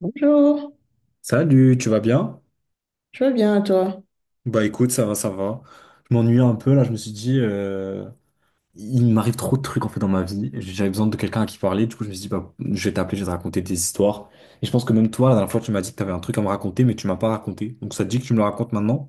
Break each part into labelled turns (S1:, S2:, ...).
S1: Bonjour,
S2: Salut, tu vas bien?
S1: tu vas bien toi?
S2: Bah écoute, ça va, ça va. Je m'ennuie un peu là, je me suis dit, il m'arrive trop de trucs en fait dans ma vie. J'avais besoin de quelqu'un à qui parler, du coup je me suis dit, bah, je vais t'appeler, je vais te raconter des histoires. Et je pense que même toi, la dernière fois, tu m'as dit que tu avais un truc à me raconter, mais tu m'as pas raconté. Donc ça te dit que tu me le racontes maintenant?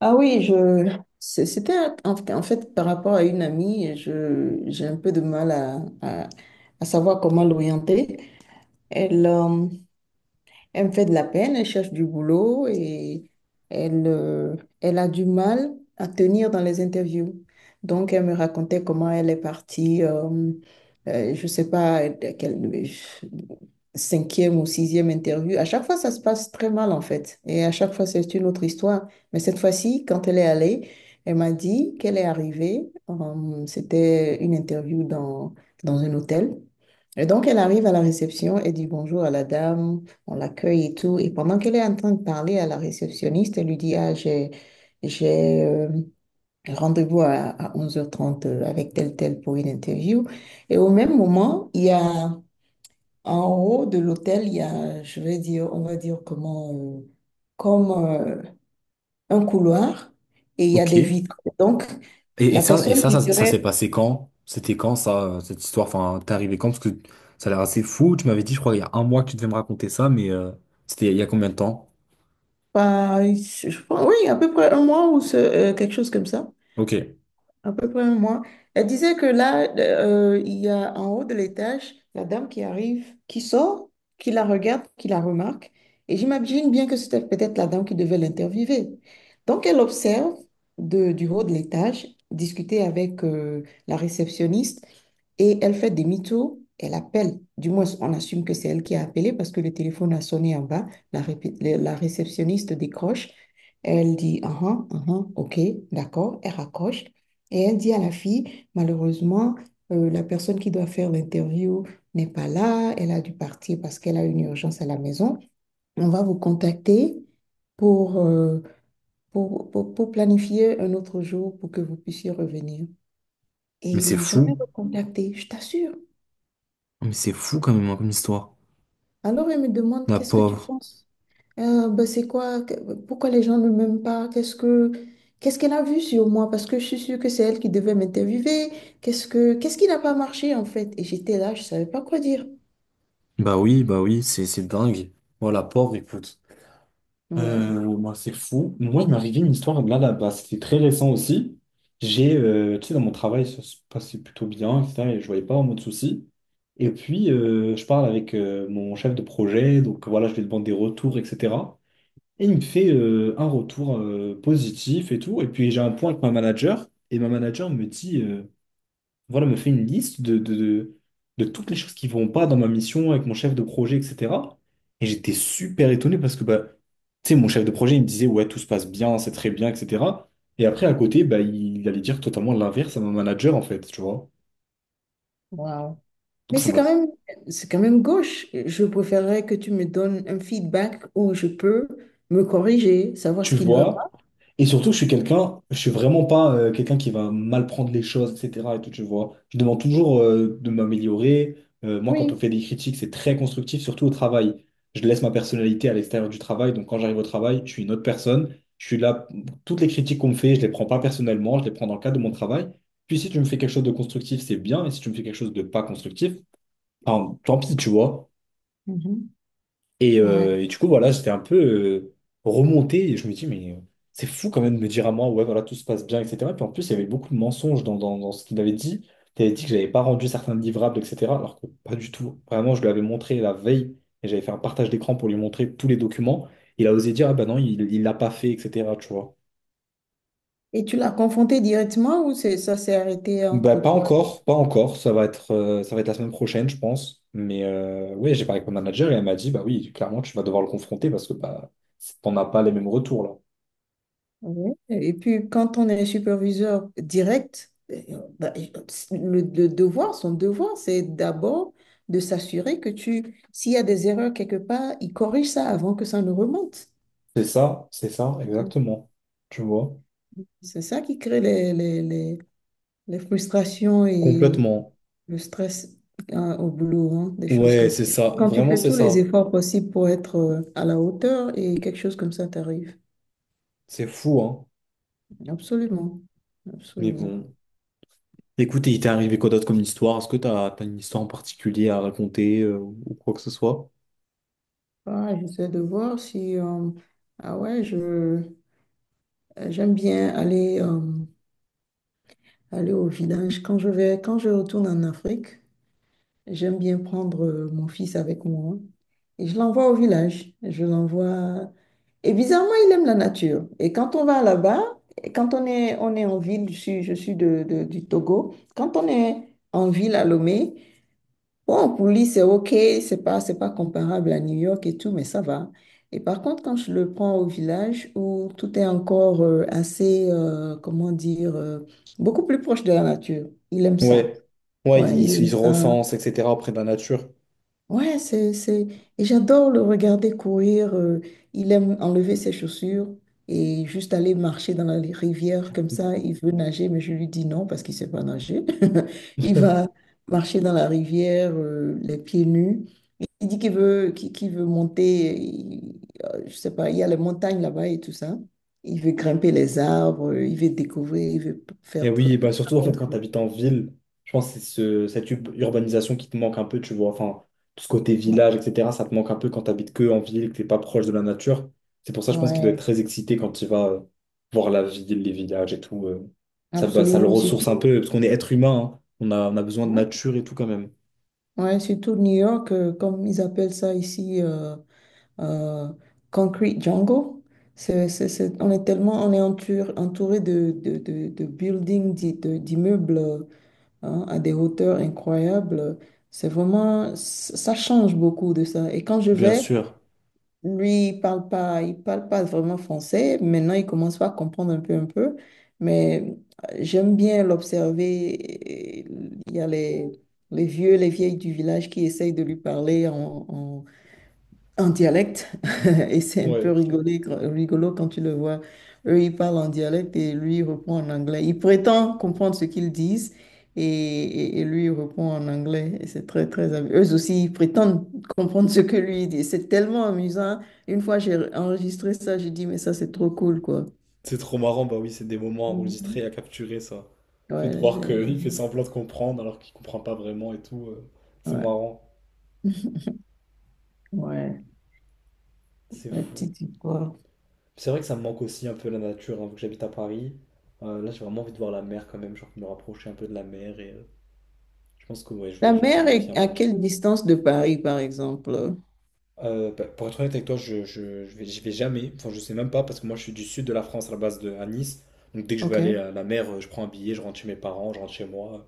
S1: Ah oui, c'était en fait par rapport à une amie, je j'ai un peu de mal à savoir comment l'orienter. Elle, euh, elle me fait de la peine, elle cherche du boulot et elle, euh, elle a du mal à tenir dans les interviews. Donc elle me racontait comment elle est partie, je sais pas, cinquième ou sixième interview. À chaque fois, ça se passe très mal, en fait. Et à chaque fois, c'est une autre histoire. Mais cette fois-ci, quand elle est allée, elle m'a dit qu'elle est arrivée. C'était une interview dans un hôtel. Et donc, elle arrive à la réception et dit bonjour à la dame, on l'accueille et tout. Et pendant qu'elle est en train de parler à la réceptionniste, elle lui dit, ah, j'ai rendez-vous à 11h30 avec tel, tel pour une interview. Et au même moment, il y a en haut de l'hôtel, il y a, je vais dire, on va dire comme un couloir et il y a
S2: Ok.
S1: des
S2: Et,
S1: vitres. Donc,
S2: et
S1: la
S2: ça, et
S1: personne
S2: ça,
S1: qui
S2: ça, ça s'est
S1: serait
S2: passé quand? C'était quand ça, cette histoire? Enfin, t'es arrivé quand? Parce que ça a l'air assez fou. Tu m'avais dit, je crois, il y a 1 mois que tu devais me raconter ça, mais c'était il y a combien de temps?
S1: pas, je pense, oui, à peu près un mois ou quelque chose comme ça,
S2: Ok.
S1: à peu près un mois. Elle disait que il y a en haut de l'étage, la dame qui arrive, qui sort, qui la regarde, qui la remarque. Et j'imagine bien que c'était peut-être la dame qui devait l'interviewer. Donc, elle observe du haut de l'étage, discuter avec la réceptionniste et elle fait demi-tour. Elle appelle, du moins on assume que c'est elle qui a appelé parce que le téléphone a sonné en bas. La, répé- la réceptionniste décroche. Elle dit, ah, ah, ah, ah, ok, d'accord. Elle raccroche. Et elle dit à la fille, malheureusement, la personne qui doit faire l'interview n'est pas là, elle a dû partir parce qu'elle a une urgence à la maison. On va vous contacter pour, euh, pour planifier un autre jour pour que vous puissiez revenir. Et
S2: Mais
S1: ils
S2: c'est
S1: l'ont
S2: fou.
S1: jamais recontactée, je t'assure.
S2: Mais c'est fou quand même, hein, comme histoire.
S1: Alors elle me demande,
S2: La
S1: qu'est-ce que tu
S2: pauvre.
S1: penses? Ben, c'est quoi? Pourquoi les gens ne m'aiment pas? Qu'est-ce qu'elle a vu sur moi? Parce que je suis sûre que c'est elle qui devait m'interviewer. Qu'est-ce qui n'a pas marché en fait? Et j'étais là, je savais pas quoi dire.
S2: Bah oui, c'est dingue. Moi, la pauvre, écoute.
S1: Ouais.
S2: Moi, c'est fou. Moi, il m'est arrivé une histoire là, là-bas. C'était très récent aussi. J'ai, tu sais, dans mon travail, ça se passait plutôt bien, etc. Et je voyais pas vraiment de soucis. Et puis, je parle avec mon chef de projet. Donc, voilà, je lui demande des retours, etc. Et il me fait un retour positif et tout. Et puis, j'ai un point avec ma manager. Et ma manager me dit. Voilà, me fait une liste de toutes les choses qui vont pas dans ma mission avec mon chef de projet, etc. Et j'étais super étonné parce que, bah, tu sais, mon chef de projet, il me disait, ouais, tout se passe bien, c'est très bien, etc. Et après, à côté, bah, il allait dire totalement l'inverse à mon manager, en fait, tu vois.
S1: Waouh.
S2: Donc,
S1: Mais
S2: ça m'a
S1: c'est quand même gauche. Je préférerais que tu me donnes un feedback où je peux me corriger, savoir ce
S2: tu
S1: qui ne va pas.
S2: vois. Et surtout, je suis quelqu'un, je suis vraiment pas quelqu'un qui va mal prendre les choses, etc. Et tout, tu vois. Je demande toujours de m'améliorer. Moi, quand on
S1: Oui.
S2: fait des critiques, c'est très constructif, surtout au travail. Je laisse ma personnalité à l'extérieur du travail. Donc, quand j'arrive au travail, je suis une autre personne. Je suis là. Toutes les critiques qu'on me fait, je les prends pas personnellement. Je les prends dans le cadre de mon travail. Puis, si tu me fais quelque chose de constructif, c'est bien. Et si tu me fais quelque chose de pas constructif, enfin, tant pis, tu vois.
S1: Mhm. Ouais.
S2: Et du coup, voilà, j'étais un peu remonté et je me dis, mais c'est fou quand même de me dire à moi, ouais, voilà, tout se passe bien, etc. Puis en plus, il y avait beaucoup de mensonges dans ce qu'il avait dit. Il avait dit que j'avais pas rendu certains livrables, etc. Alors que pas du tout. Vraiment, je lui avais montré la veille et j'avais fait un partage d'écran pour lui montrer tous les documents. Il a osé dire, ah bah non, il l'a pas fait, etc. Tu vois.
S1: Et tu l'as confronté directement ou ça s'est arrêté
S2: Bah,
S1: entre
S2: pas
S1: toi et...
S2: encore, pas encore. Ça va être la semaine prochaine, je pense. Mais ouais, j'ai parlé avec mon manager et elle m'a dit, bah oui, clairement, tu vas devoir le confronter parce que bah, t'en as pas les mêmes retours là.
S1: Ouais. Et puis, quand on est superviseur direct, bah, son devoir, c'est d'abord de s'assurer que tu, s'il y a des erreurs quelque part, il corrige ça avant que ça ne remonte.
S2: C'est ça,
S1: Mhm.
S2: exactement. Tu vois?
S1: C'est ça qui crée les frustrations et
S2: Complètement.
S1: le stress hein, au boulot, hein, des choses
S2: Ouais,
S1: comme ça.
S2: c'est ça.
S1: Quand tu
S2: Vraiment,
S1: fais
S2: c'est
S1: tous les
S2: ça.
S1: efforts possibles pour être à la hauteur et quelque chose comme ça t'arrive.
S2: C'est fou, hein.
S1: Absolument,
S2: Mais
S1: absolument.
S2: bon. Écoute, il t'est arrivé quoi d'autre comme histoire? Est-ce que t'as une histoire en particulier à raconter ou quoi que ce soit?
S1: Ah, j'essaie de voir si... Ah ouais, j'aime bien aller au village. Quand je retourne en Afrique, j'aime bien prendre mon fils avec moi et je l'envoie au village. Je l'envoie... Et bizarrement, il aime la nature. Et quand on va là-bas, et quand on est en ville, je suis du Togo, quand on est en ville à Lomé. Bon, pour lui, c'est OK, c'est pas comparable à New York et tout, mais ça va. Et par contre, quand je le prends au village où tout est encore beaucoup plus proche de la nature, il aime ça.
S2: Ouais. Ouais,
S1: Ouais,
S2: ils,
S1: il
S2: ils
S1: aime
S2: se
S1: ça.
S2: recensent, etc. près de la nature.
S1: Ouais. Et j'adore le regarder courir. Il aime enlever ses chaussures et juste aller marcher dans la rivière comme ça. Il veut nager, mais je lui dis non parce qu'il ne sait pas nager. Il va marcher dans la rivière, les pieds nus. Il dit qu'il veut monter, je sais pas, il y a les montagnes là-bas et tout ça. Il veut grimper les arbres, il veut découvrir, il veut
S2: Et
S1: faire
S2: oui, bah surtout en
S1: plein
S2: fait
S1: de
S2: quand tu
S1: choses.
S2: habites en ville, je pense que c'est cette urbanisation qui te manque un peu, tu vois. Enfin, tout ce côté village, etc., ça te manque un peu quand tu habites que en ville, que tu n'es pas proche de la nature. C'est pour ça, je pense qu'il doit être
S1: Ouais,
S2: très excité quand il va voir la ville, les villages et tout. Ça, bah, ça le
S1: absolument, c'est
S2: ressource un
S1: tout.
S2: peu, parce qu'on est être humain, hein. On a besoin de nature et tout quand même.
S1: Ouais, surtout New York, comme ils appellent ça ici, euh, Concrete Jungle. On est tellement, on est entouré de buildings, d'immeubles hein, à des hauteurs incroyables. C'est vraiment, ça change beaucoup de ça. Et quand
S2: Bien sûr.
S1: lui, il parle pas vraiment français. Maintenant, il commence pas à comprendre un peu, un peu. Mais j'aime bien l'observer. Il y a les vieux, les vieilles du village qui essayent de lui parler en dialecte. Et c'est un peu
S2: Ouais,
S1: rigolo quand tu le vois. Eux, ils parlent en dialecte et lui, il reprend en anglais. Il prétend comprendre ce qu'ils disent et lui, il reprend en anglais. Et c'est très, très amusant. Eux aussi, ils prétendent comprendre ce que lui dit. C'est tellement amusant. Une fois, j'ai enregistré ça, j'ai dit, mais ça, c'est trop cool, quoi.
S2: c'est trop marrant, bah oui, c'est des moments à enregistrer,
S1: Mhm.
S2: à capturer ça. Fait de
S1: Ouais,
S2: voir qu'il fait semblant de comprendre alors qu'il comprend pas vraiment et tout, c'est
S1: ouais,
S2: marrant,
S1: ouais,
S2: c'est
S1: la
S2: fou.
S1: petite histoire.
S2: C'est vrai que ça me manque aussi un peu la nature, hein, vu que j'habite à Paris. Là, j'ai vraiment envie de voir la mer quand même, genre me rapprocher un peu de la mer et je pense que ouais, je
S1: La
S2: vais, je vais me
S1: mer est
S2: planifier un
S1: à
S2: voyage.
S1: quelle distance de Paris, par exemple?
S2: Bah, pour être honnête avec toi, j'y vais jamais, enfin je sais même pas parce que moi je suis du sud de la France à la base de à Nice. Donc dès que je veux aller
S1: OK.
S2: à la mer, je prends un billet, je rentre chez mes parents, je rentre chez moi,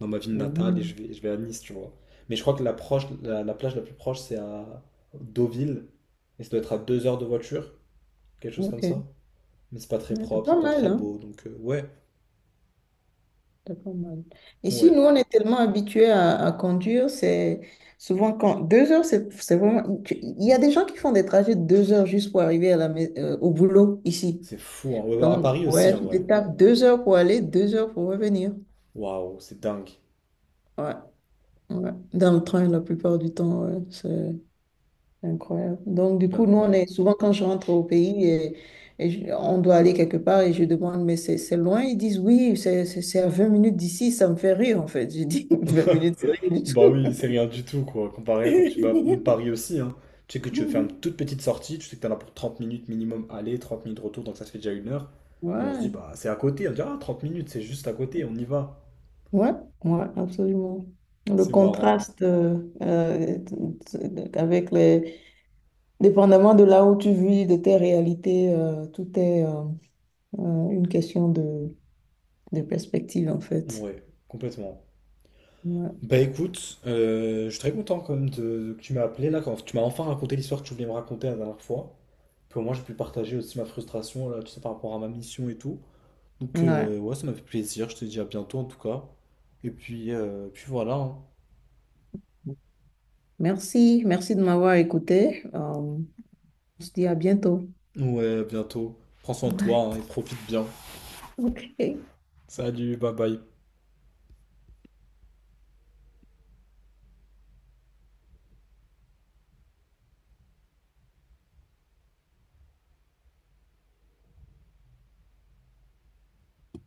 S2: dans ma ville natale et je
S1: Mhm.
S2: vais, je vais à Nice, tu vois. Mais je crois que la plage la plus proche c'est à Deauville et ça doit être à 2 heures de voiture, quelque chose comme
S1: OK.
S2: ça. Mais c'est pas très
S1: Ouais, c'est
S2: propre,
S1: pas
S2: c'est pas
S1: mal,
S2: très
S1: hein?
S2: beau, donc ouais.
S1: T'as pas mal. Ici,
S2: Ouais,
S1: nous, on est tellement habitués à conduire, c'est souvent quand 2 heures, c'est vraiment. Il y a des gens qui font des trajets de 2 heures juste pour arriver au boulot ici.
S2: c'est fou. Hein. Ouais, bah, à
S1: Donc,
S2: Paris aussi,
S1: ouais,
S2: en
S1: tu te
S2: vrai.
S1: tapes 2 heures pour aller, 2 heures pour revenir.
S2: Waouh, c'est dingue.
S1: Ouais, ouais. Dans le train, la plupart du temps, ouais, c'est. Incroyable. Donc, du
S2: Ben,
S1: coup, nous, on
S2: ouais.
S1: est souvent quand je rentre au pays et, on doit aller quelque part et je demande, mais c'est loin? Ils disent, oui, c'est à 20 minutes d'ici, ça me fait rire en fait. Je dis, 20 minutes, c'est rien du
S2: Bah
S1: tout.
S2: oui, c'est rien du tout, quoi, comparé à quand tu vas à Paris aussi, hein. Tu sais que tu veux faire une toute petite sortie, tu sais que t'en as pour 30 minutes minimum aller, 30 minutes retour, donc ça se fait déjà 1 heure. Et on se dit,
S1: Ouais,
S2: bah c'est à côté, on dit, ah, 30 minutes, c'est juste à côté, on y va.
S1: ouais, ouais, absolument. Le
S2: C'est marrant.
S1: contraste euh, euh, avec les... Dépendamment de là où tu vis, de tes réalités, tout est une question de perspective en fait.
S2: Ouais, complètement.
S1: Ouais.
S2: Bah écoute, je suis très content quand même que tu m'as appelé là, quand tu m'as enfin raconté l'histoire que tu voulais me raconter la dernière fois. Puis au moins j'ai pu partager aussi ma frustration là, tu sais, par rapport à ma mission et tout. Donc
S1: Ouais.
S2: ouais, ça m'a fait plaisir, je te dis à bientôt en tout cas. Et puis, puis voilà. hein.
S1: Merci, merci de m'avoir écouté. On se dit à bientôt.
S2: Ouais, à bientôt. Prends soin de
S1: Bye.
S2: toi hein, et profite bien.
S1: Ok.
S2: Salut, bye bye.